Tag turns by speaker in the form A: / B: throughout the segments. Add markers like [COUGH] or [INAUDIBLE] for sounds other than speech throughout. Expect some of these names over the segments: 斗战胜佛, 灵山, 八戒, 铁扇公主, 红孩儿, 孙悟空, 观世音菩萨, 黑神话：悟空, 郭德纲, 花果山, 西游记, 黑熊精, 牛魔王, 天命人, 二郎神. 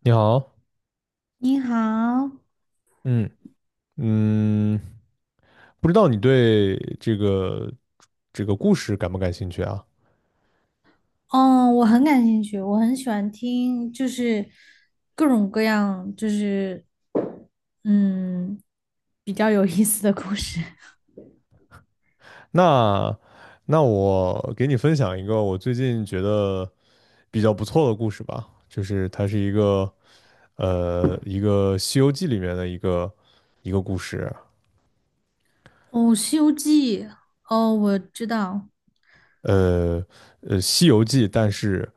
A: 你好。
B: 你好。
A: 嗯嗯，不知道你对这个故事感不感兴趣啊？
B: 哦，我很感兴趣，我很喜欢听，就是各种各样，嗯，比较有意思的故事。
A: 那那我给你分享一个我最近觉得比较不错的故事吧，就是它是一个一个《西游记》里面的一个故事。
B: 哦，《西游记》，哦，我知道。
A: 呃《西游记》，但是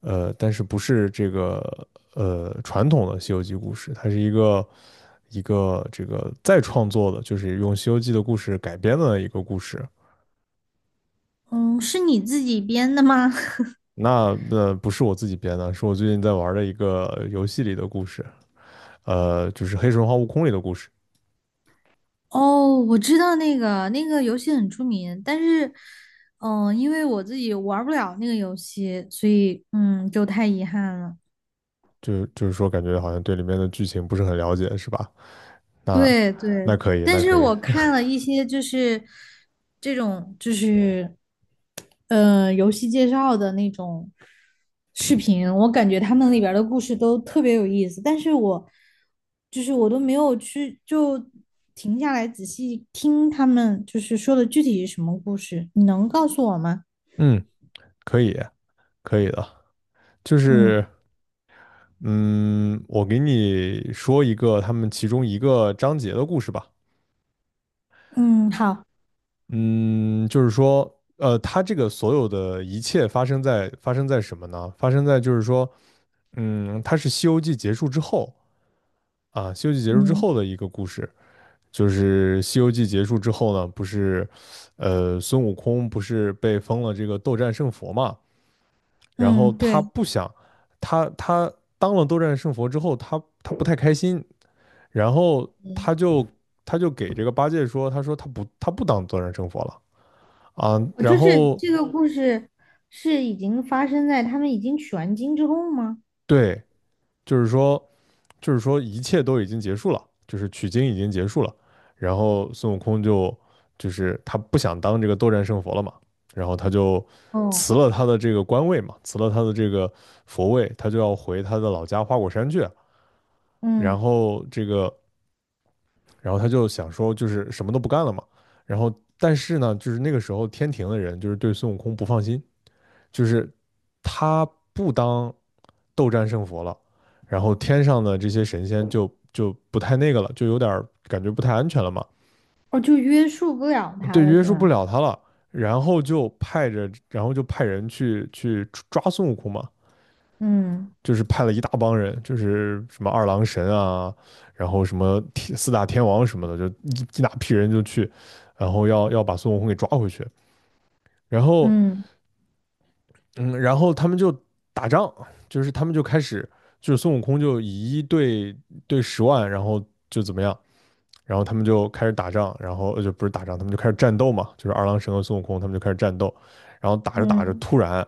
A: 呃但是不是这个传统的《西游记》故事，它是一个这个再创作的，就是用《西游记》的故事改编的一个故事。
B: 嗯，是你自己编的吗？
A: 那不是我自己编的，是我最近在玩的一个游戏里的故事，就是《黑神话：悟空》里的故事。
B: [LAUGHS] 哦，我知道那个游戏很出名，但是，嗯，因为我自己玩儿不了那个游戏，所以就太遗憾了。
A: 就是说，感觉好像对里面的剧情不是很了解，是吧？那
B: 对
A: 那
B: 对，
A: 可以，
B: 但
A: 那
B: 是
A: 可以。
B: 我看了一些就是这种游戏介绍的那种视频，我感觉他们里边儿的故事都特别有意思，但是我就是我都没有去就停下来仔细听他们就是说的具体是什么故事，你能告诉我吗？
A: 嗯，可以，可以的。就
B: 嗯，
A: 是嗯，我给你说一个他们其中一个章节的故事吧。
B: 嗯，好。
A: 嗯，就是说，他这个所有的一切发生在什么呢？发生在就是说，他是《西游记》结束之后啊，《西游记》结束之
B: 嗯
A: 后的一个故事。就是《西游记》结束之后呢，不是，孙悟空不是被封了这个斗战胜佛嘛？然
B: 嗯，
A: 后他
B: 对，
A: 不想，他当了斗战胜佛之后，他不太开心，然后他就他就给这个八戒说，他说他不当斗战胜佛了啊。
B: 我
A: 然
B: 就是
A: 后
B: 这个故事是已经发生在他们已经取完经之后吗？
A: 对，就是说就是说一切都已经结束了，就是取经已经结束了，然后孙悟空就是他不想当这个斗战胜佛了嘛，然后他就
B: 哦。
A: 辞了他的这个官位嘛，辞了他的这个佛位，他就要回他的老家花果山去，然
B: 嗯，
A: 后这个然后他就想说，就是什么都不干了嘛。然后，但是呢，就是那个时候天庭的人就是对孙悟空不放心，就是他不当斗战胜佛了，然后天上的这些神仙就不太那个了，就有点感觉不太安全了嘛。
B: 哦，就约束不了他
A: 对，
B: 了，
A: 约
B: 是
A: 束不
B: 吧？
A: 了他了。然后就派着，然后就派人去抓孙悟空嘛。
B: 嗯。
A: 就是派了一大帮人，就是什么二郎神啊，然后什么四大天王什么的，就一大批人就去，然后要把孙悟空给抓回去。然后，
B: 嗯
A: 嗯，然后他们就打仗，就是他们就开始，就是孙悟空就以一对十万，然后就怎么样。然后他们就开始打仗，然后就不是打仗，他们就开始战斗嘛，就是二郎神和孙悟空他们就开始战斗，然后打着打着，
B: 嗯，
A: 突然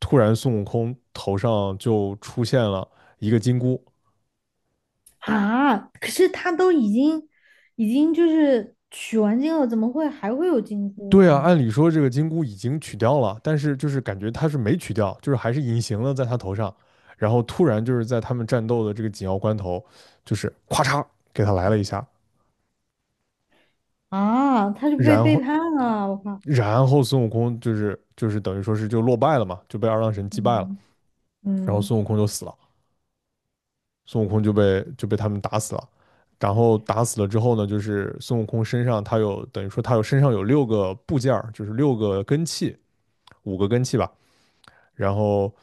A: 突然孙悟空头上就出现了一个金箍。
B: 啊，可是他都已经已经就是取完经了，怎么会还会有金箍
A: 对啊，
B: 呢？
A: 按理说这个金箍已经取掉了，但是就是感觉他是没取掉，就是还是隐形了在他头上，然后突然就是在他们战斗的这个紧要关头，就是咵嚓给他来了一下。
B: 啊，他就被
A: 然
B: 背
A: 后
B: 叛了，我靠！
A: 然后孙悟空就是等于说是就落败了嘛，就被二郎神击败了，
B: 嗯
A: 然后孙
B: 嗯
A: 悟空就死了，孙悟空就被他们打死了。然后打死了之后呢，就是孙悟空身上等于说身上有六个部件儿，就是六个根器，五个根器吧。然后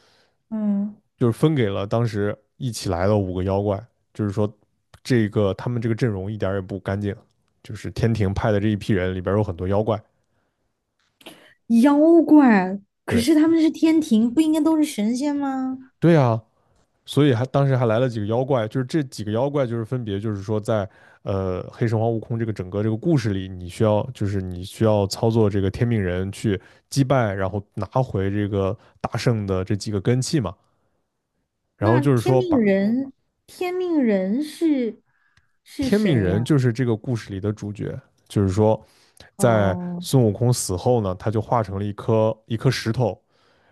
B: 嗯。
A: 就是分给了当时一起来的五个妖怪，就是说这个他们这个阵容一点儿也不干净，就是天庭派的这一批人里边儿有很多妖怪。
B: 妖怪，可是他
A: 对
B: 们是天庭，不应该都是神仙吗？
A: 对啊，所以还当时还来了几个妖怪，就是这几个妖怪就是分别就是说在黑神话悟空这个整个这个故事里，你需要操作这个天命人去击败，然后拿回这个大圣的这几个根器嘛。然后
B: 那
A: 就是
B: 天
A: 说
B: 命
A: 把
B: 人，天命人是
A: 天命
B: 谁
A: 人
B: 呀？
A: 就是这个故事里的主角。就是说，在
B: 哦。
A: 孙悟空死后呢，他就化成了一颗石头，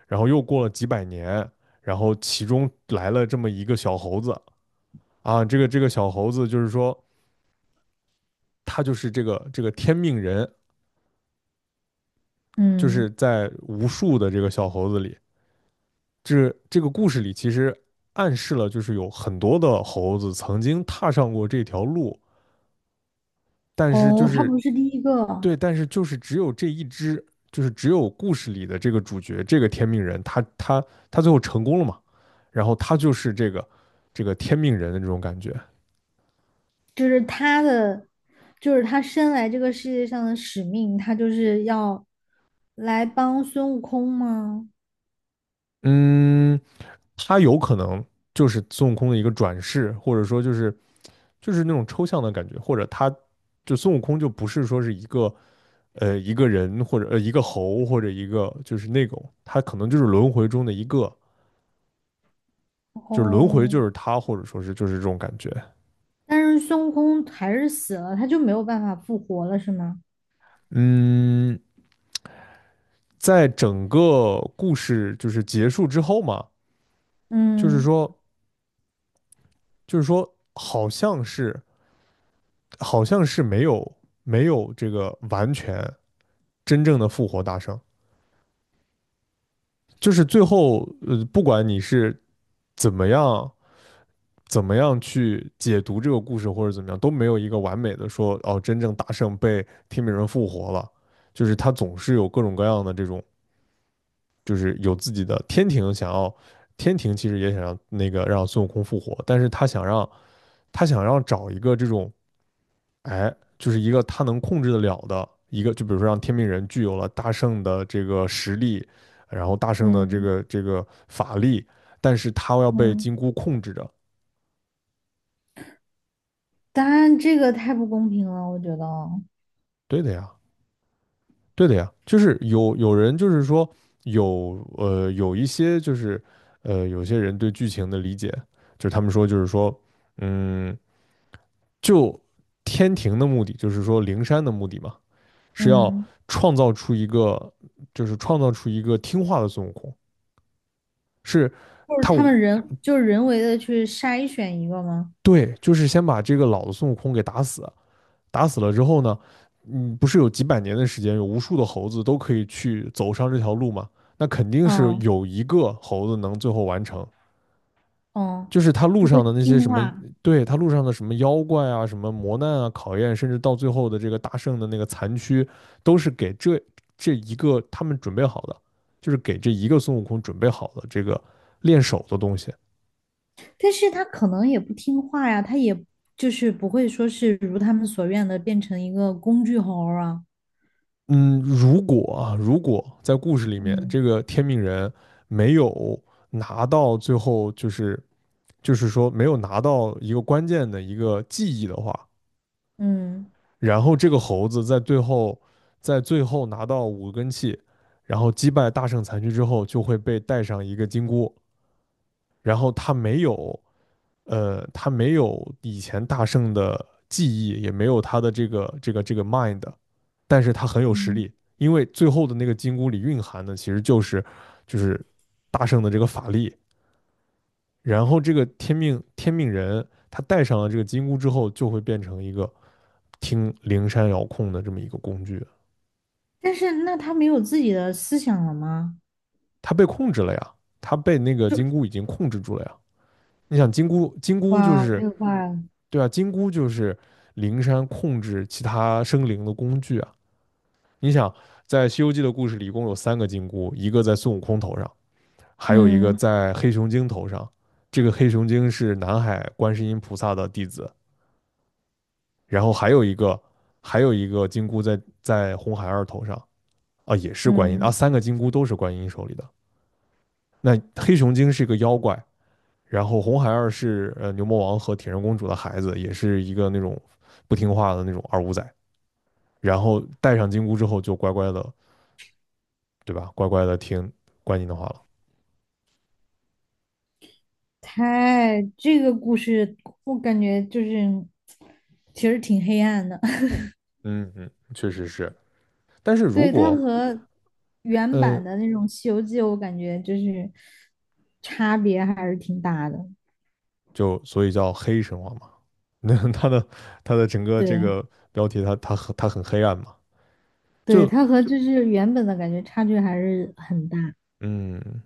A: 然后又过了几百年，然后其中来了这么一个小猴子啊，这个小猴子就是说，他就是这个天命人，就是
B: 嗯，
A: 在无数的这个小猴子里，这个故事里其实暗示了，就是有很多的猴子曾经踏上过这条路，但是就
B: 哦，他
A: 是
B: 不是第一个。
A: 对，但是就是只有这一只，就是只有故事里的这个主角，这个天命人，他最后成功了嘛？然后他就是这个天命人的这种感觉。
B: 就是他的，就是他生来这个世界上的使命，他就是要来帮孙悟空吗？
A: 嗯，他有可能就是孙悟空的一个转世，或者说就是那种抽象的感觉，或者他就孙悟空就不是说是一个人或者一个猴或者一个就是那种，他可能就是轮回中的一个，就是轮回
B: 哦，
A: 就是他，或者说是就是这种感觉。
B: 但是孙悟空还是死了，他就没有办法复活了，是吗？
A: 嗯。在整个故事就是结束之后嘛，就是
B: 嗯，
A: 说，就是说，好像是没有这个完全真正的复活大圣，就是最后，不管你是怎么样怎么样去解读这个故事或者怎么样，都没有一个完美的说哦，真正大圣被天命人复活了，就是他总是有各种各样的这种就是有自己的天庭，天庭其实也想让那个让孙悟空复活，但是他想让找一个这种哎，就是一个他能控制得了的一个，就比如说让天命人具有了大圣的这个实力，然后大圣的这
B: 嗯
A: 个这个法力，但是他要被
B: 嗯，
A: 金箍控制着。
B: 当然这个太不公平了，我觉得。
A: 对的呀，对的呀，就是有人就是说有一些就是有些人对剧情的理解，就是他们说嗯。就天庭的目的，就是说灵山的目的嘛，是要
B: 嗯，
A: 创造出一个，就是创造出一个听话的孙悟空。是。
B: 就是
A: 他。
B: 他们人就是人为的去筛选一个吗？
A: 对，就是先把这个老的孙悟空给打死，打死了之后呢，不是有几百年的时间，有无数的猴子都可以去走上这条路吗？那肯定是
B: 嗯
A: 有一个猴子能最后完成，
B: 嗯，
A: 就是他路
B: 就会
A: 上的那些
B: 听
A: 什么。
B: 话。
A: 对，他路上的什么妖怪啊、什么磨难啊、考验，甚至到最后的这个大圣的那个残躯，都是给这一个他们准备好的，就是给这一个孙悟空准备好的这个练手的东西。
B: 但是他可能也不听话呀，他也就是不会说是如他们所愿的变成一个工具猴儿啊。
A: 嗯，如果啊，如果在故事里面这
B: 嗯，
A: 个天命人没有拿到最后，就是说没有拿到一个关键的一个记忆的话，
B: 嗯，
A: 然后这个猴子在最后拿到五根气，然后击败大圣残躯之后，就会被带上一个金箍。然后他没有，他没有以前大圣的记忆，也没有他的这个 mind，但是他很有实
B: 嗯，
A: 力，因为最后的那个金箍里蕴含的其实就是大圣的这个法力。然后这个天命人，他戴上了这个金箍之后，就会变成一个听灵山遥控的这么一个工具。
B: 但是那他没有自己的思想了吗？
A: 他被控制了呀，他被那个金箍已经控制住了呀。你想金箍，金箍就
B: 哇，太
A: 是。
B: 嗯坏了。
A: 对啊，金箍就是灵山控制其他生灵的工具啊。你想，在《西游记》的故事里，一共有三个金箍，一个在孙悟空头上，还有一个
B: 嗯
A: 在黑熊精头上。这个黑熊精是南海观世音菩萨的弟子，然后还有一个金箍在红孩儿头上啊，也是观音啊，
B: 嗯，
A: 三个金箍都是观音手里的。那黑熊精是一个妖怪，然后红孩儿是牛魔王和铁扇公主的孩子，也是一个那种不听话的那种二五仔。然后戴上金箍之后，就乖乖的，对吧？乖乖的听观音的话了。
B: 太这个故事我感觉就是其实挺黑暗的。[LAUGHS]
A: 嗯嗯，确实是。但是如
B: 对，它
A: 果
B: 和原版
A: 嗯，
B: 的那种《西游记》，我感觉就是差别还是挺大的。
A: 就所以叫黑神话嘛。那 [LAUGHS] 他的整个这
B: 对，
A: 个标题他很黑暗嘛。
B: 对，
A: 就
B: 它和就是原本的感觉差距还是很大。
A: 嗯，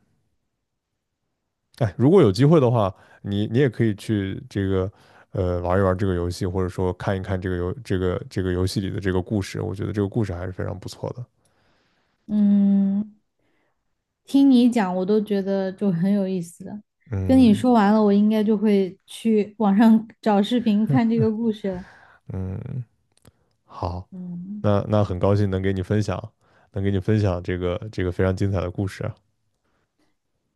A: 哎，如果有机会的话，你也可以去玩一玩这个游戏，或者说看一看这个游这个这个游戏里的这个故事，我觉得这个故事还是非常不错的。
B: 嗯，听你讲，我都觉得就很有意思了。跟你
A: 嗯
B: 说完了，我应该就会去网上 [LAUGHS] 找视频看这个故事了。
A: 嗯，好。
B: 嗯，
A: 那很高兴能给你分享，能给你分享这个非常精彩的故事啊，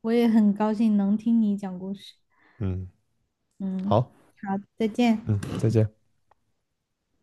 B: 我也很高兴能听你讲故事。
A: 嗯，
B: 嗯，
A: 好，
B: 好，再见。
A: 嗯，再见。